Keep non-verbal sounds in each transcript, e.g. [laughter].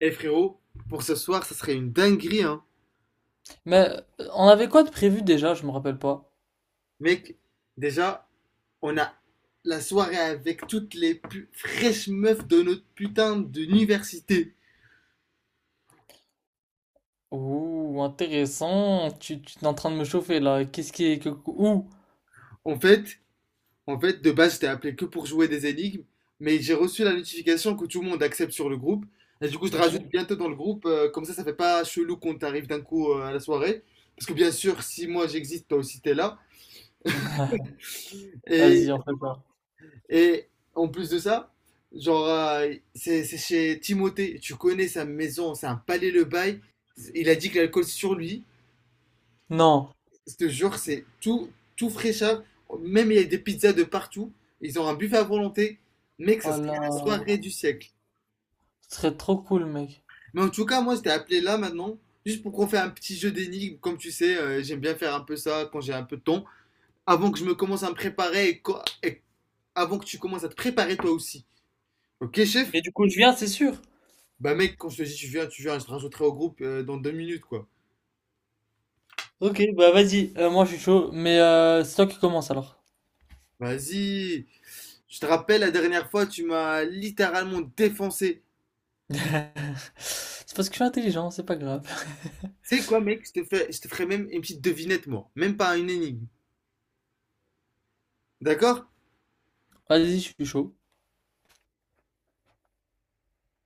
Eh frérot, pour ce soir, ça serait une dinguerie, hein. Mais on avait quoi de prévu déjà? Je me rappelle pas. Mec, déjà, on a la soirée avec toutes les plus fraîches meufs de notre putain d'université. Ouh, intéressant. Tu es en train de me chauffer là. Qu'est-ce qui est que où? En fait, en fait, de base, j'étais appelé que pour jouer des énigmes, mais j'ai reçu la notification que tout le monde accepte sur le groupe. Et du coup, je te Ok. rajoute bientôt dans le groupe, comme ça fait pas chelou qu'on t'arrive d'un coup à la soirée. Parce que bien sûr, si moi j'existe, toi aussi t'es là. [laughs] Vas-y, Et on fait pas. Et en plus de ça, genre, c'est chez Timothée. Tu connais sa maison, c'est un palais le bail. Il a dit que l'alcool sur lui. Non. Je te jure, c'est tout, tout fraîcheur. Même il y a des pizzas de partout. Ils ont un buffet à volonté. Mec, ça Oh serait là, la soirée du siècle. ce serait trop cool, mec. Mais en tout cas, moi, je t'ai appelé là maintenant, juste pour qu'on fasse un petit jeu d'énigmes. Comme tu sais, j'aime bien faire un peu ça quand j'ai un peu de temps. Avant que je me commence à me préparer et avant que tu commences à te préparer toi aussi. Ok, chef? Mais du coup, je viens, c'est sûr. Bah mec, quand je te dis tu viens, je te rajouterai au groupe dans deux minutes quoi. Ok, bah vas-y. Moi, je suis chaud. Mais c'est toi qui commence alors. Vas-y. Je te rappelle, la dernière fois, tu m'as littéralement défoncé. [laughs] C'est parce que je suis intelligent, c'est pas grave. [laughs] Tu sais quoi mec, je te ferai même une petite devinette moi, même pas une énigme. D'accord? Vas-y, je suis chaud.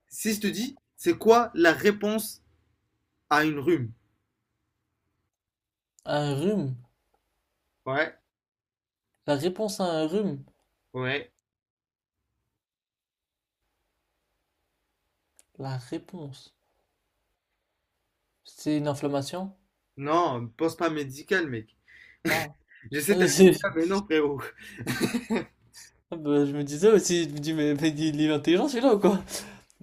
Si je te dis, c'est quoi la réponse à une rhume? Un rhume. Ouais, La réponse à un rhume. ouais. La réponse. C'est une inflammation? Non, pense pas médical mec. Ah. J'essaie de [laughs] t'arrêter là, mais non frérot. Ah bah, je me disais aussi, je me dis, mais il est intelligent celui-là ou quoi?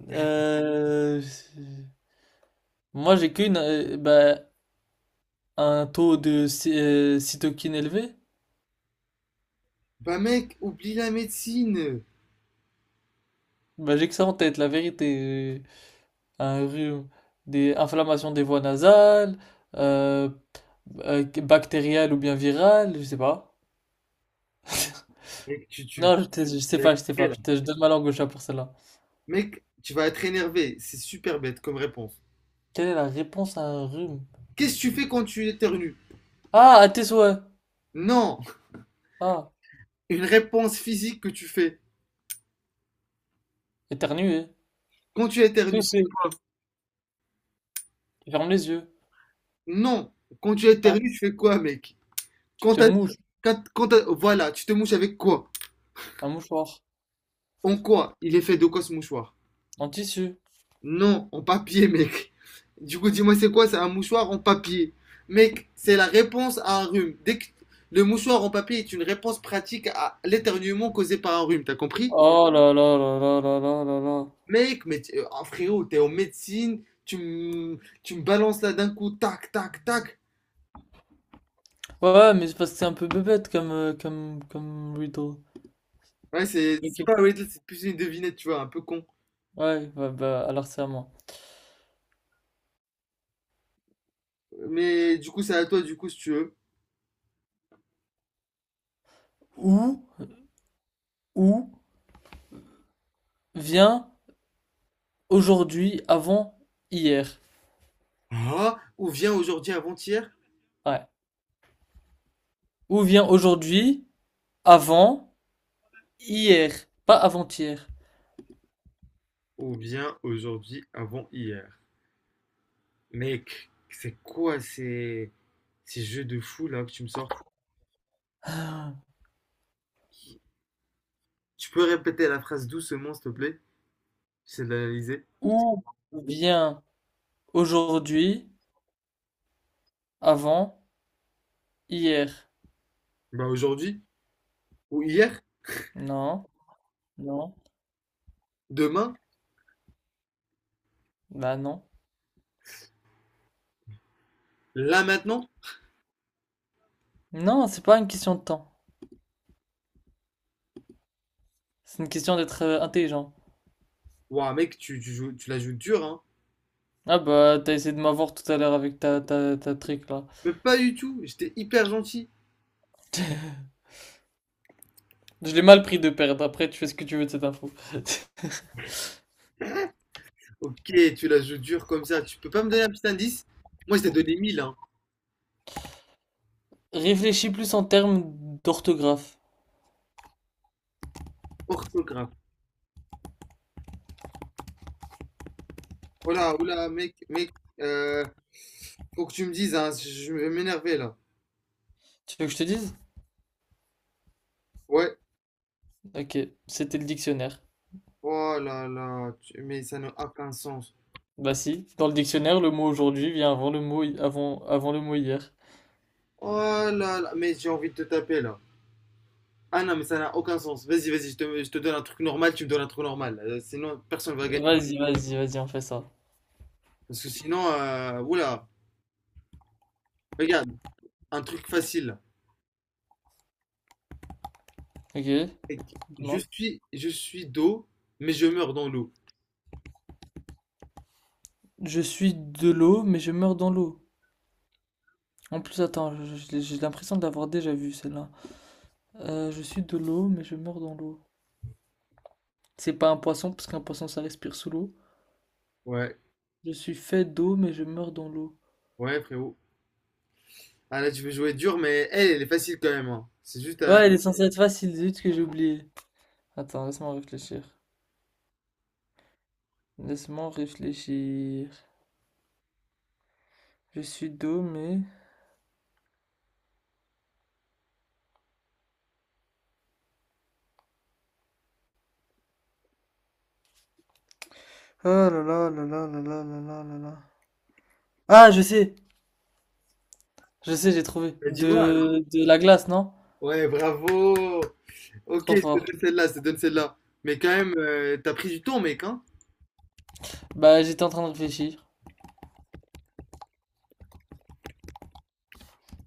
Euh, Moi j'ai qu'une, bah, un taux de cytokine élevé. Bah mec, oublie la médecine. Bah, j'ai que ça en tête, la vérité. Un rhume, des inflammations des voies nasales, euh, bactériales ou bien virales, je sais pas. Mec, tu, tu, Non, je, te- Je sais tu vas pas, être je sais prêt, pas. là. Je donne ma langue au chat pour celle-là. Mec, tu vas être énervé. C'est super bête comme réponse. Quelle est la réponse à un rhume? Qu'est-ce que tu fais quand tu éternues? Ah, à tes souhaits. Non. Ah, Une réponse physique que tu fais. éternuer, Quand tu éternues, tu tousser, fais quoi? ferme les yeux. Non. Quand tu Ah, éternues, tu fais quoi, mec? tu Quand te t'as- mouches. Voilà, tu te mouches avec quoi? Un mouchoir. En quoi? Il est fait de quoi ce mouchoir? En tissu. Non, en papier, mec. Du coup, dis-moi, c'est quoi? C'est un mouchoir en papier. Mec, c'est la réponse à un rhume. Le mouchoir en papier est une réponse pratique à l'éternuement causé par un rhume, t'as compris? Oh là là là là là là là là. Mec, ah, frérot, t'es en médecine, tu me balances là d'un coup, tac, tac, tac. Ouais, mais c'est parce que c'est un peu bête comme riddle. Ouais, c'est Ok. pas Riddle, c'est plus une devinette, tu vois, un peu con. Ouais, alors c'est à moi. Mais du coup, c'est à toi, du coup, si tu veux. Où, où vient aujourd'hui avant hier? Ah, ou bien aujourd'hui avant-hier, Ouais. Où vient aujourd'hui avant hier? Pas avant-hier. ou bien aujourd'hui avant-hier. Mec, c'est quoi ces jeux de fou là que tu me sors? Tu peux répéter la phrase doucement, s'il te plaît? J'essaie de l'analyser. Où vient aujourd'hui avant hier? Bah aujourd'hui, ou hier, Non, non, demain, bah non. là maintenant? Non, c'est pas une question de temps. C'est une question d'être intelligent. Ouah, mec, tu la joues dur, hein. Ah bah, t'as essayé de m'avoir tout à l'heure avec ta trick là. Mais pas du tout, j'étais hyper gentil. Je l'ai mal pris de perdre, après tu fais ce que tu veux de cette info. [laughs] Ok, tu la joues dur comme ça, tu peux pas me donner un petit indice? Moi, je t'ai donné mille hein. Réfléchis plus en termes d'orthographe. Orthographe. Voilà, oula, mec, euh, faut que tu me dises, hein, je vais m'énerver là. Tu veux que je te dise? Ouais, Ok, c'était le dictionnaire. oh là là, mais ça n'a aucun sens. Bah si, dans le dictionnaire, le mot aujourd'hui vient avant le mot, avant le mot hier. Oh là là, mais j'ai envie de te taper là. Ah non, mais ça n'a aucun sens. Vas-y, je te donne un truc normal, tu me donnes un truc normal. Sinon, personne va gagner. Vas-y, on fait ça. Parce que sinon, oula, regarde, un truc facile. Ok, Et dis-moi. Je suis d'eau, mais je meurs dans l'eau. Je suis de l'eau, mais je meurs dans l'eau. En plus, attends, j'ai l'impression de l'avoir déjà vu celle-là. Je suis de l'eau, mais je meurs dans l'eau. C'est pas un poisson, parce qu'un poisson ça respire sous l'eau. Ouais, Je suis fait d'eau, mais je meurs dans l'eau. ouais, frérot. Ah là, tu veux jouer dur, mais elle, elle est facile quand même, hein. C'est juste à... Ouais, elle est censée être facile, zut que j'ai oublié. Attends, laisse-moi réfléchir. Laisse-moi réfléchir. Je suis d'eau, mais... Ah là là là là là là là là là là. Ah, je sais! Je sais, j'ai trouvé. Bah, dis-moi alors. De la glace, non? Ouais, bravo. Ok, Trop fort. Je te donne celle-là. Mais quand même, t'as pris du temps, mec, hein? Bah, j'étais en train de réfléchir.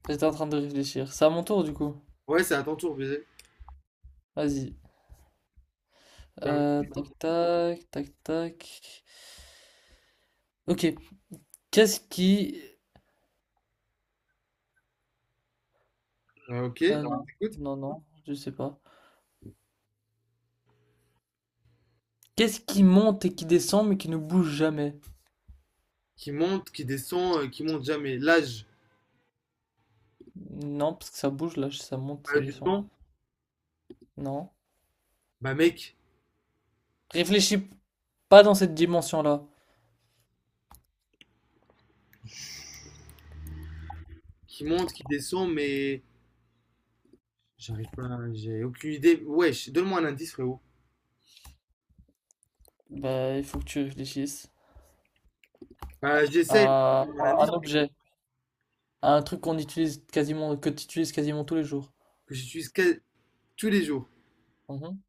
J'étais en train de réfléchir. C'est à mon tour, du coup. Ouais, c'est à ton tour, baiser. Vas-y. Bah, oui. Tac tac, tac tac. Ok. Qu'est-ce qui... ok, Euh, non, écoute. Non, je sais pas. Qu'est-ce qui monte et qui descend mais qui ne bouge jamais? Qui monte, qui descend, qui monte jamais. L'âge, Non, parce que ça bouge là, ça monte, pas ça du descend. temps. Non. Bah, mec, Réfléchis pas dans cette dimension-là. qui monte, qui descend, mais j'arrive pas, j'ai aucune idée. Wesh, donne-moi un indice, frérot. Bah, il faut que tu réfléchisses Bah, j'essaie. à, Donne-moi un à un indice. objet, à un truc qu'on utilise quasiment, que tu utilises quasiment tous les jours. que j'utilise quasi- Tous les jours. Mhm.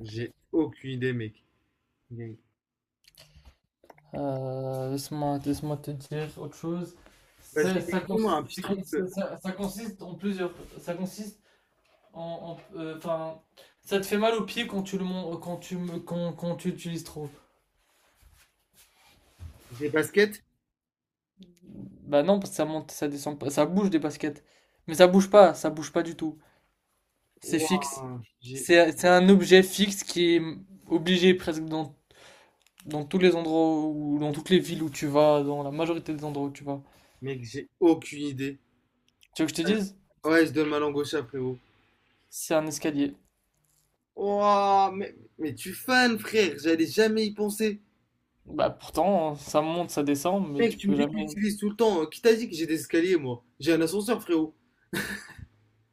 J'ai aucune idée, mec. Gang. Laisse-moi te dire autre chose. Vas-y, Ça, ça, cons- moi un petit c'est truc. cons- ça- ça- ça consiste en plusieurs. Ça consiste en, enfin, ça te fait mal au pied quand tu le mon- quand tu me- quand, quand tu utilises trop. Des baskets? Bah non, parce que ça monte, ça descend pas, ça bouge des baskets. Mais ça bouge pas du tout. C'est fixe. Ouah, j'ai... C'est un objet fixe qui est obligé presque dans tous les endroits ou dans toutes les villes où tu vas, dans la majorité des endroits où tu vas. Mec, j'ai aucune idée. Tu veux que je te dise? Ouais, je donne ma langue au chat, frérot. C'est un escalier. Ouah, mais tu fan, frère. J'allais jamais y penser. Bah pourtant, ça monte, ça descend, mais Mec, tu tu me peux dis que tu jamais. l'utilises tout le temps. Qui t'a dit que j'ai des escaliers, moi? J'ai un ascenseur, frérot.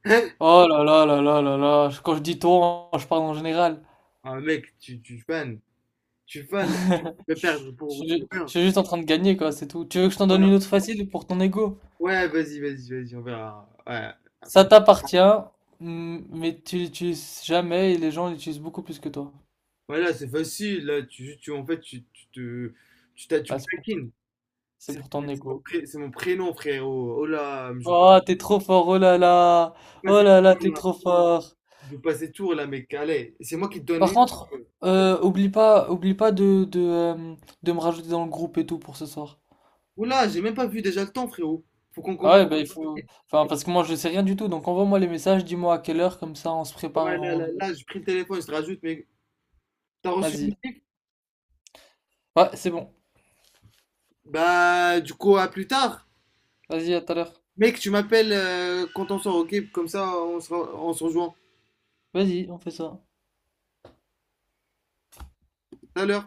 Hein? Oh là là là là là là, quand je dis toi, je parle en général. Ah, mec, tu fan. Tu fan là. Tu [laughs] peux Je perdre pour suis je rien. suis juste en train de gagner, quoi, c'est tout. Tu veux que je t'en donne Ouais, une autre facile pour ton ego? ouais, vas-y, on verra. Ouais. Ça Enfin, t'appartient, mm, mais tu l'utilises jamais et les gens l'utilisent beaucoup plus que toi. voilà, c'est facile, là, en fait, t'as- tu Bah, me c'est pour ton, taquines. c'est C'est pour ton ego. C'est mon prénom, frérot. Oh là, je joue Oh, t'es trop fort, oh là là, pas ces oh là là, tours, t'es là. trop fort. Je joue pas ces tours, là, mec, allez. C'est moi qui te donne Par une. contre, oublie pas de, de me rajouter dans le groupe et tout pour ce soir. Oh là, j'ai même pas vu déjà le temps, frérot. Faut qu'on Ah commence. ouais, bah il faut, enfin parce que moi je sais rien du tout, donc envoie-moi les messages, dis-moi à quelle heure, comme ça on se prépare et Ouais, on y va. là, j'ai pris le téléphone, je te rajoute, mec. T'as reçu? Vas-y. Ouais, c'est bon. Bah, du coup, à plus tard. Vas-y, à tout à l'heure. Mec, tu m'appelles quand on sort, ok? Comme ça, on se rejoint. Vas-y, on fait ça. Tout à l'heure.